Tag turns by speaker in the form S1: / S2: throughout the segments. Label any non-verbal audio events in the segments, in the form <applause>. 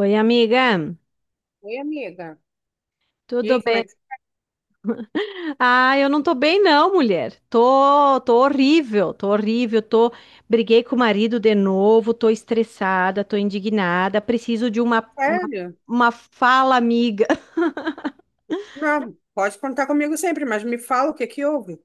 S1: Oi, amiga.
S2: Oi, amiga. E
S1: Tudo
S2: aí, como é
S1: bem?
S2: que...
S1: Ah, eu não tô bem não, mulher. Tô horrível. Tô briguei com o marido de novo, tô estressada, tô indignada, preciso de uma uma,
S2: Sério?
S1: uma fala amiga. <laughs>
S2: Não, pode contar comigo sempre, mas me fala o que que houve.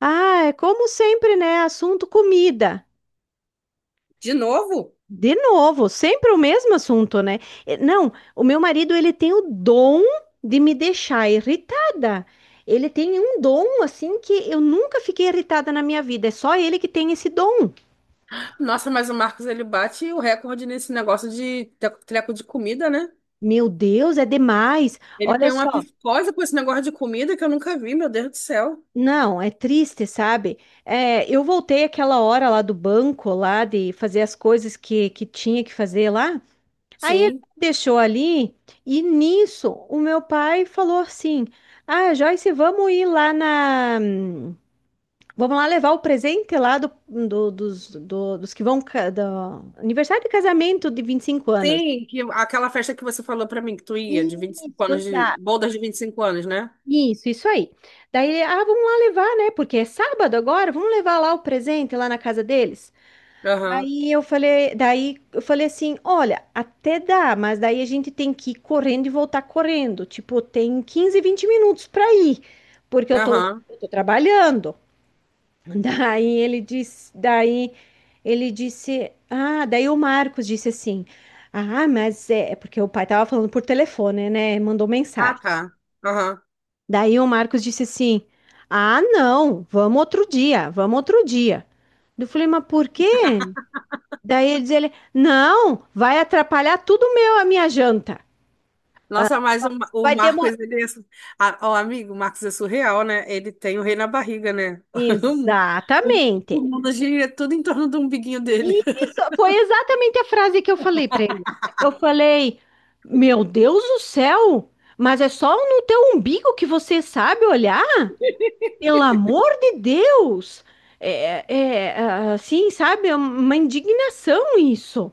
S1: Ah, é como sempre, né? Assunto comida.
S2: De novo?
S1: De novo, sempre o mesmo assunto, né? Não, o meu marido, ele tem o dom de me deixar irritada. Ele tem um dom assim que eu nunca fiquei irritada na minha vida. É só ele que tem esse dom.
S2: Nossa, mas o Marcos, ele bate o recorde nesse negócio de treco de comida, né?
S1: Meu Deus, é demais.
S2: Ele
S1: Olha
S2: tem uma
S1: só.
S2: psicose com esse negócio de comida que eu nunca vi, meu Deus do céu.
S1: Não, é triste, sabe? É, eu voltei aquela hora lá do banco, lá de fazer as coisas que tinha que fazer lá. Aí ele
S2: Sim.
S1: deixou ali, e nisso o meu pai falou assim: Ah, Joyce, vamos ir lá na. Vamos lá levar o presente lá dos que vão. Do... Aniversário de casamento de 25 anos.
S2: Sim, que, aquela festa que você falou pra mim que tu ia, de 25
S1: Isso,
S2: anos, de
S1: exato.
S2: bodas de 25 anos, né?
S1: Isso aí. Daí, ah, vamos lá levar, né? Porque é sábado agora, vamos levar lá o presente lá na casa deles.
S2: Aham,
S1: Aí eu falei, daí eu falei assim, olha, até dá, mas daí a gente tem que ir correndo e voltar correndo. Tipo, tem 15, 20 minutos para ir, porque
S2: aham.
S1: eu tô trabalhando. <laughs> Daí ele disse, daí daí o Marcos disse assim, ah, mas é porque o pai tava falando por telefone, né? Mandou
S2: Ah,
S1: mensagem.
S2: tá. Aham.
S1: Daí o Marcos disse assim, ah, não, vamos outro dia, vamos outro dia. Eu falei, mas por quê? Daí diz ele: Não, vai atrapalhar tudo meu, a minha janta.
S2: Nossa, mas o
S1: Vai
S2: Marcos,
S1: demorar.
S2: ele é, su- a- o amigo, o Marcos é surreal, né? Ele tem o rei na barriga, né? <laughs> O, o
S1: Exatamente.
S2: mundo gira tudo em torno do umbiguinho dele.
S1: Isso foi exatamente a frase que eu falei para ele. Eu falei: Meu Deus do céu, mas é só no teu umbigo que você sabe olhar?
S2: <laughs>
S1: Pelo amor de Deus! É, assim, sabe? É uma indignação isso.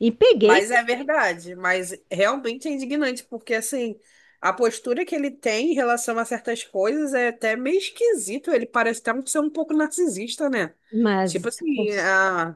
S1: E peguei,
S2: Mas é verdade, mas realmente é indignante, porque assim, a postura que ele tem em relação a certas coisas é até meio esquisito, ele parece até ser um pouco narcisista, né?
S1: mas.
S2: Tipo assim,
S1: cons-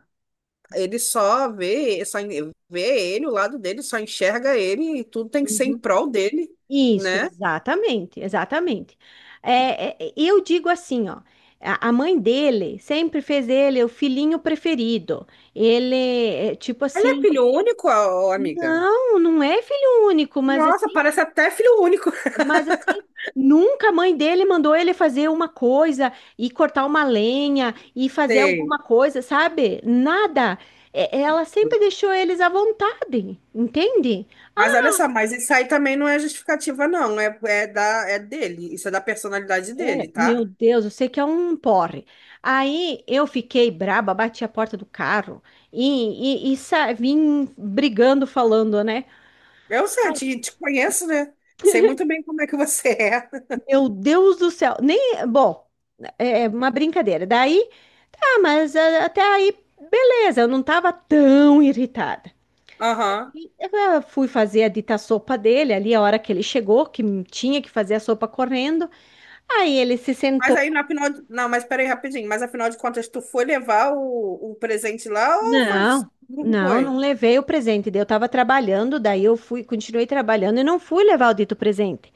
S2: ele só vê, vê ele, o lado dele, só enxerga ele e tudo tem que ser em prol dele,
S1: Isso,
S2: né?
S1: exatamente, exatamente. Eu digo assim, ó, a mãe dele sempre fez ele o filhinho preferido. Ele, é, tipo
S2: Ele é
S1: assim,
S2: filho único, ó, amiga?
S1: não, não é filho único, mas
S2: Nossa,
S1: assim,
S2: parece até filho único. <laughs>
S1: mas assim, nunca a mãe dele mandou ele fazer uma coisa e cortar uma lenha e fazer
S2: Sei.
S1: alguma coisa, sabe? Nada. É, ela sempre deixou eles à vontade, entende?
S2: Mas olha só, mas isso aí também não é justificativa, não. É dele. Isso é da personalidade dele,
S1: É, meu
S2: tá?
S1: Deus, eu sei que é um porre. Aí eu fiquei braba, bati a porta do carro e vim brigando, falando, né?
S2: Eu sei,
S1: Ai,
S2: te conheço, né? Sei muito bem como é que você é.
S1: meu Deus do céu, nem, bom, é uma brincadeira. Daí, tá, mas ah, até aí, beleza, eu não tava tão irritada.
S2: <laughs> Aham.
S1: Eu fui fazer a dita sopa dele ali, a hora que ele chegou, que tinha que fazer a sopa correndo. Aí ele se
S2: Mas
S1: sentou.
S2: aí, na final. Não, mas peraí, rapidinho. Mas afinal de contas, tu foi levar o presente lá ou foi.
S1: Não,
S2: Não
S1: não, não
S2: foi?
S1: levei o presente. Daí eu estava trabalhando, daí eu fui, continuei trabalhando e não fui levar o dito presente.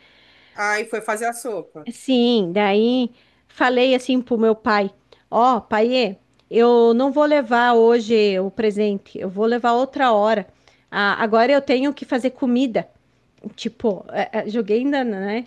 S2: Aí foi fazer a sopa.
S1: Sim, daí falei assim pro meu pai: Ó, paiê, eu não vou levar hoje o presente, eu vou levar outra hora. Ah, agora eu tenho que fazer comida. Tipo, joguei ainda, né?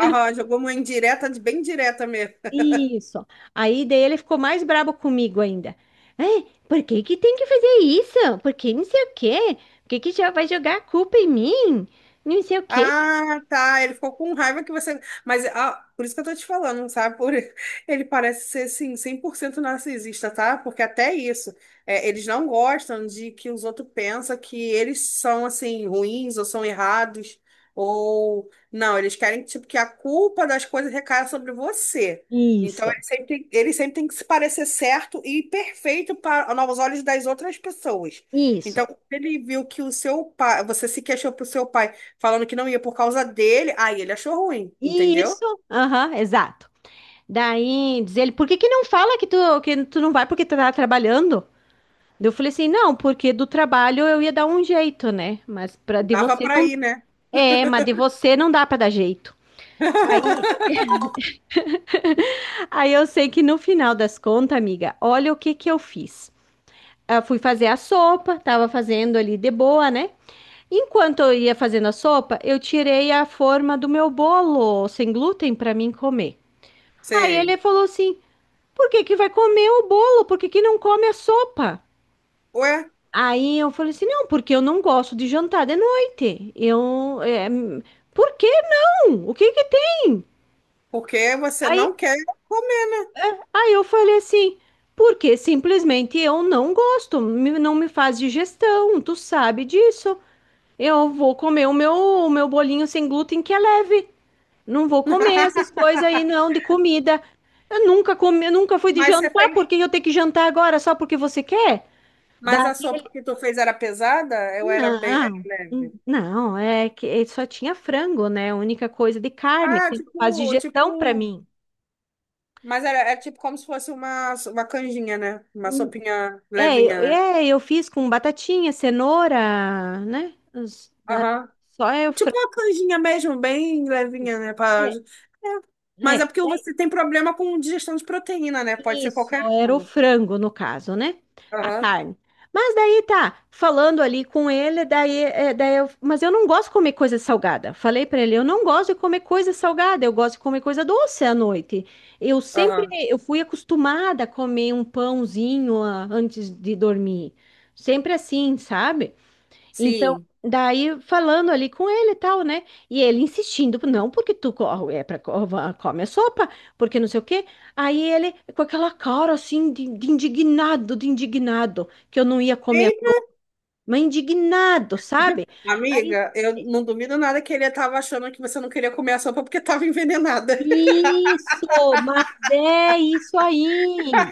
S2: Aham, jogou uma indireta, bem direta mesmo.
S1: Isso. Aí daí ele ficou mais brabo comigo ainda. É, por que que tem que fazer isso? Por que não sei o quê? Por que que já vai jogar a culpa em mim? Não sei o quê.
S2: Ah, tá. Ele ficou com raiva que você. Mas ah, por isso que eu tô te falando, sabe? <laughs> Ele parece ser, assim, 100% narcisista, tá? Porque até isso, eles não gostam de que os outros pensam que eles são, assim, ruins ou são errados. Ou. Não, eles querem, tipo, que a culpa das coisas recaia sobre você. Então,
S1: Isso,
S2: ele sempre tem que se parecer certo e perfeito para aos olhos das outras pessoas. Então,
S1: isso,
S2: quando ele viu que o seu pai, você se queixou para o seu pai falando que não ia por causa dele, aí ele achou ruim, entendeu?
S1: isso. Aham, exato. Daí diz ele, por que que não fala que tu não vai porque tu tá trabalhando? Daí eu falei assim, não, porque do trabalho eu ia dar um jeito, né? Mas pra, de
S2: Dava
S1: você
S2: pra
S1: não...
S2: ir, né?
S1: É, mas de você não dá pra dar jeito. Aí,
S2: <laughs>
S1: aí eu sei que no final das contas, amiga, olha o que que eu fiz. Eu fui fazer a sopa, tava fazendo ali de boa, né? Enquanto eu ia fazendo a sopa, eu tirei a forma do meu bolo sem glúten para mim comer. Aí ele
S2: Sei.
S1: falou assim: "Por que que vai comer o bolo? Por que que não come a sopa?"
S2: Ué,
S1: Aí eu falei assim: "Não, porque eu não gosto de jantar de noite. Eu é, por que não? O que que tem?"
S2: porque você
S1: Aí,
S2: não quer comer.
S1: aí eu falei assim, porque simplesmente eu não gosto, não me faz digestão, tu sabe disso. Eu vou comer o meu bolinho sem glúten que é leve. Não vou comer essas
S2: <laughs>
S1: coisas aí não de comida. Eu nunca comi, eu nunca fui de
S2: Mas você
S1: jantar,
S2: fez.
S1: por que eu tenho que jantar agora só porque você quer?
S2: Mas
S1: Daí,
S2: a sopa que tu fez era pesada? Eu era bem era
S1: não.
S2: leve.
S1: Não, é que é, só tinha frango, né? A única coisa de carne
S2: Ah,
S1: que não faz
S2: tipo,
S1: digestão pra
S2: tipo.
S1: mim.
S2: Mas era tipo como se fosse uma canjinha, né? Uma sopinha levinha, né?
S1: Eu fiz com batatinha, cenoura, né? Né?
S2: Aham.
S1: Só é o
S2: Tipo
S1: frango.
S2: uma canjinha mesmo, bem levinha,
S1: Isso.
S2: né? É.
S1: É,
S2: Mas é
S1: é,
S2: porque
S1: é
S2: você tem problema com digestão de proteína, né? Pode ser
S1: isso,
S2: qualquer
S1: era o
S2: uma,
S1: frango no caso, né? A
S2: Aham,
S1: carne. Mas daí tá, falando ali com ele, daí, mas eu não gosto de comer coisa salgada. Falei pra ele, eu não gosto de comer coisa salgada, eu gosto de comer coisa doce à noite.
S2: aham,
S1: Eu fui acostumada a comer um pãozinho antes de dormir. Sempre assim, sabe? Então,
S2: sim.
S1: daí falando ali com ele e tal, né? E ele insistindo, não, porque tu co- é pra, co- va- come a sopa, porque não sei o quê. Aí ele, com aquela cara assim, de indignado, que eu não ia comer,
S2: Eita,
S1: mas indignado, sabe? Aí,
S2: amiga, eu não duvido nada que ele estava achando que você não queria comer a sopa porque estava <laughs> envenenada.
S1: isso, mas é isso aí.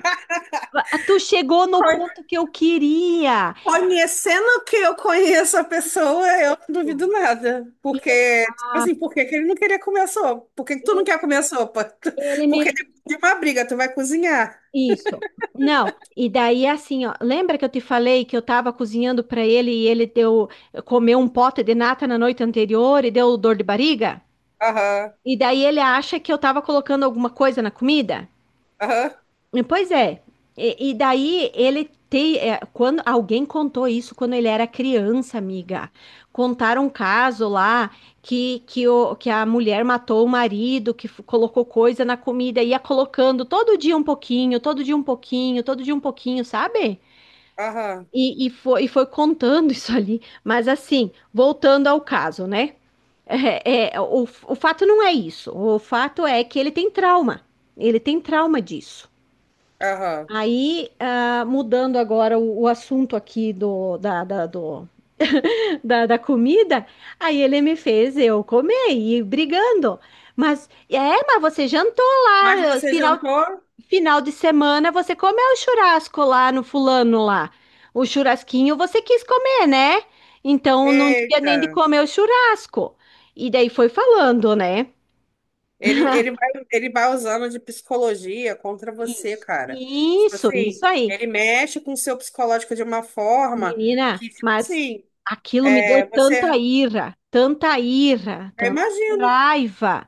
S1: Ah, tu chegou no
S2: co-
S1: ponto que eu queria.
S2: Conhecendo que eu conheço a pessoa, eu não duvido nada. Porque, tipo assim,
S1: Exato.
S2: por que que ele não queria comer a sopa? Por que que tu não
S1: E
S2: quer comer a sopa?
S1: ele
S2: <laughs> Porque depois
S1: me,
S2: de uma briga, tu vai cozinhar.
S1: isso. Não, e daí assim, ó, lembra que eu te falei que eu tava cozinhando pra ele e ele deu comeu um pote de nata na noite anterior e deu dor de barriga?
S2: Aham,
S1: E daí ele acha que eu tava colocando alguma coisa na comida?
S2: aham,
S1: Pois é. E daí ele tem, é, quando alguém contou isso quando ele era criança, amiga. Contaram um caso lá que a mulher matou o marido, que colocou coisa na comida, ia colocando todo dia um pouquinho, todo dia um pouquinho, todo dia um pouquinho, sabe?
S2: aham,
S1: E foi contando <laughs> isso ali. Mas assim, voltando ao caso, né? O fato não é isso. O fato é que ele tem trauma. Ele tem trauma disso.
S2: aham.
S1: Aí, ah, mudando agora o assunto aqui da comida, aí ele me fez eu comer e ir brigando. Mas, é, mas você jantou
S2: Mas
S1: lá,
S2: você jantou?
S1: final de semana você comeu o churrasco lá no fulano lá. O churrasquinho você quis comer, né? Então não tinha nem de
S2: Eita.
S1: comer o churrasco. E daí foi falando, né?
S2: Ele vai usando de psicologia contra você,
S1: Isso,
S2: cara. Tipo
S1: isso,
S2: assim,
S1: isso aí.
S2: ele mexe com o seu psicológico de uma forma
S1: Menina,
S2: que, tipo
S1: mas
S2: assim,
S1: aquilo me deu
S2: você.
S1: tanta ira, tanta ira,
S2: Eu
S1: tanta
S2: imagino,
S1: raiva.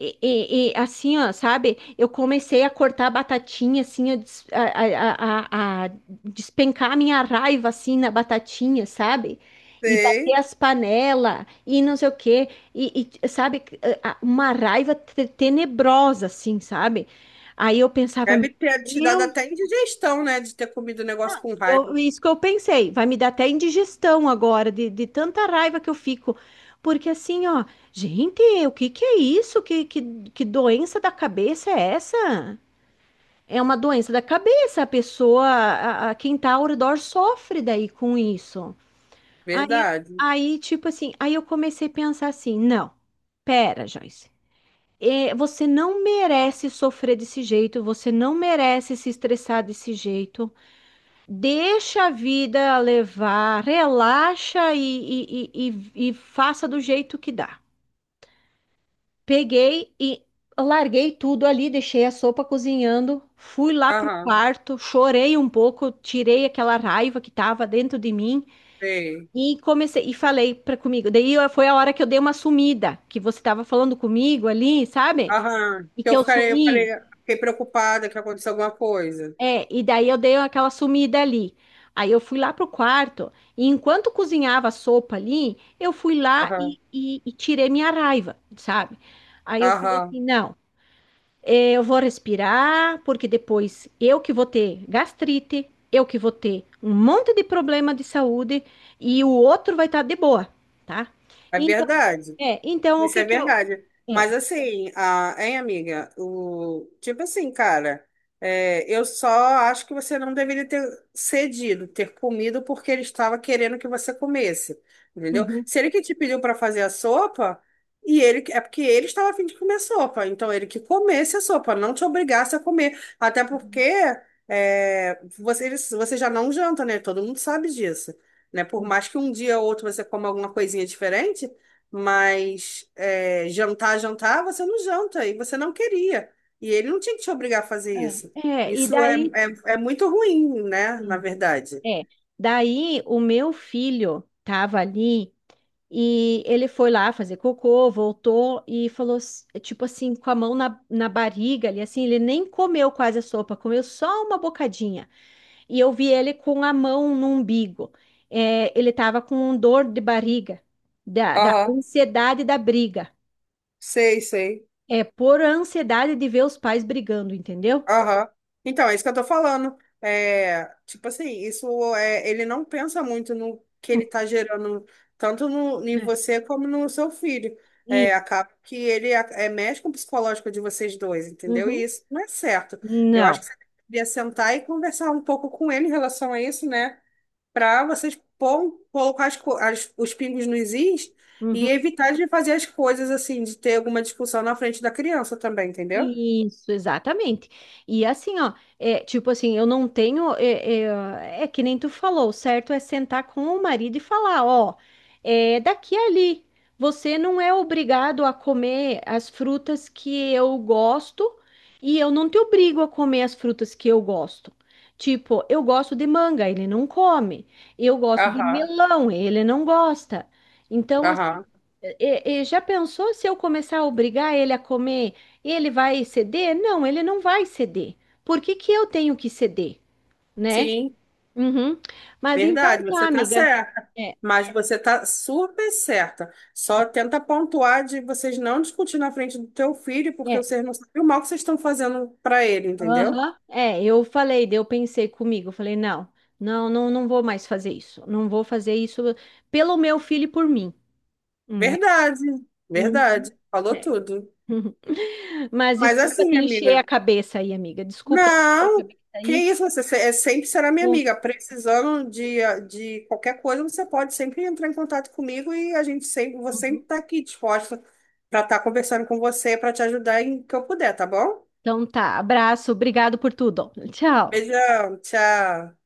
S1: E assim, ó, sabe? Eu comecei a cortar a batatinha, assim, a despencar a minha raiva, assim, na batatinha, sabe? E bater
S2: sei.
S1: as panelas e não sei o quê. Sabe? Uma raiva tenebrosa, assim, sabe? Aí eu pensava, meu,
S2: Deve ter te dado até indigestão, né? De ter comido o negócio com
S1: eu,
S2: raiva.
S1: isso que eu pensei, vai me dar até indigestão agora, de tanta raiva que eu fico. Porque assim, ó, gente, o que que é isso? Que doença da cabeça é essa? É uma doença da cabeça, a pessoa, quem tá ao redor sofre daí com isso. Aí,
S2: Verdade.
S1: aí, tipo assim, aí eu comecei a pensar assim, não, pera, Joyce, você não merece sofrer desse jeito, você não merece se estressar desse jeito. Deixa a vida levar, relaxa e faça do jeito que dá. Peguei e larguei tudo ali, deixei a sopa cozinhando, fui lá pro
S2: Aham,
S1: quarto, chorei um pouco, tirei aquela raiva que estava dentro de mim
S2: sei.
S1: e comecei e falei para comigo. Foi a hora que eu dei uma sumida, que você estava falando comigo ali, sabe?
S2: Aham.
S1: E
S2: Que
S1: que
S2: Eu
S1: eu
S2: fiquei, eu
S1: sumi.
S2: falei, fiquei preocupada que aconteceu alguma coisa.
S1: É, e daí eu dei aquela sumida ali. Aí eu fui lá pro quarto e enquanto cozinhava a sopa ali, eu fui lá
S2: Aham,
S1: e tirei minha raiva, sabe? Aí eu falei
S2: aham.
S1: assim, não, eu vou respirar, porque depois eu que vou ter gastrite, eu que vou ter um monte de problema de saúde e o outro vai estar de boa, tá?
S2: É
S1: Então,
S2: verdade.
S1: é, então o
S2: Isso
S1: que
S2: é
S1: que eu...
S2: verdade.
S1: É,
S2: Mas assim, hein, amiga? O, tipo assim, cara, eu só acho que você não deveria ter cedido, ter comido porque ele estava querendo que você comesse, entendeu?
S1: uhum.
S2: Se ele que te pediu para fazer a sopa, e ele porque ele estava a fim de comer a sopa, então ele que comesse a sopa, não te obrigasse a comer. Até porque você já não janta, né? Todo mundo sabe disso. Né? Por mais que um dia ou outro você coma alguma coisinha diferente. Mas jantar, jantar, você não janta e você não queria. E ele não tinha que te obrigar a fazer isso.
S1: É, e
S2: Isso é,
S1: daí...
S2: muito ruim, né? Na verdade.
S1: É. Daí o meu filho tava ali e ele foi lá fazer cocô, voltou e falou, tipo assim, com a mão na barriga ali, assim, ele nem comeu quase a sopa, comeu só uma bocadinha. E eu vi ele com a mão no umbigo. É, ele tava com dor de barriga, da
S2: Aham,
S1: ansiedade da briga.
S2: sei, sei.
S1: É por ansiedade de ver os pais brigando, entendeu?
S2: Aham. Então, é isso que eu tô falando. É, tipo assim, isso é, ele não pensa muito no que ele tá gerando, tanto em
S1: É.
S2: você como no seu filho. É,
S1: E,
S2: acaba que ele mexe com o psicológico de vocês dois, entendeu? E
S1: uhum.
S2: isso não é certo. Eu acho
S1: Não.
S2: que você devia sentar e conversar um pouco com ele em relação a isso, né? Para vocês colocar os pingos nos is e
S1: Uhum.
S2: evitar de fazer as coisas assim, de ter alguma discussão na frente da criança também, entendeu?
S1: Isso, exatamente. E assim, ó, é, tipo assim, eu não tenho. É que nem tu falou, o certo é sentar com o marido e falar: ó, é daqui a ali. Você não é obrigado a comer as frutas que eu gosto e eu não te obrigo a comer as frutas que eu gosto. Tipo, eu gosto de manga, ele não come. Eu gosto de
S2: Aham,
S1: melão, ele não gosta. Então, assim.
S2: aham.
S1: E já pensou se eu começar a obrigar ele a comer? Ele vai ceder? Não, ele não vai ceder. Por que que eu tenho que ceder, né?
S2: Sim,
S1: Uhum. Mas então
S2: verdade, você
S1: tá,
S2: está
S1: amiga.
S2: certa,
S1: É,
S2: mas você está super certa. Só tenta pontuar de vocês não discutir na frente do teu filho, porque
S1: é,
S2: vocês não sabem o mal que vocês estão fazendo para ele, entendeu?
S1: aham. É, eu falei, daí eu pensei comigo, eu falei, não, não vou mais fazer isso. Não vou fazer isso pelo meu filho e por mim, né?
S2: Verdade,
S1: Uhum.
S2: verdade, falou
S1: É.
S2: tudo.
S1: <laughs> Mas
S2: Mas
S1: desculpa
S2: assim,
S1: te encher
S2: amiga,
S1: a cabeça aí, amiga. Desculpa te encher a
S2: não,
S1: cabeça
S2: que
S1: aí.
S2: isso, você se- é, sempre será minha
S1: Vou-
S2: amiga. Precisando de qualquer coisa, você pode sempre entrar em contato comigo e vou sempre
S1: uhum.
S2: estar aqui disposta para estar conversando com você, para te ajudar em que eu puder, tá bom?
S1: Então tá, abraço, obrigado por tudo. Tchau.
S2: Beijão, tchau.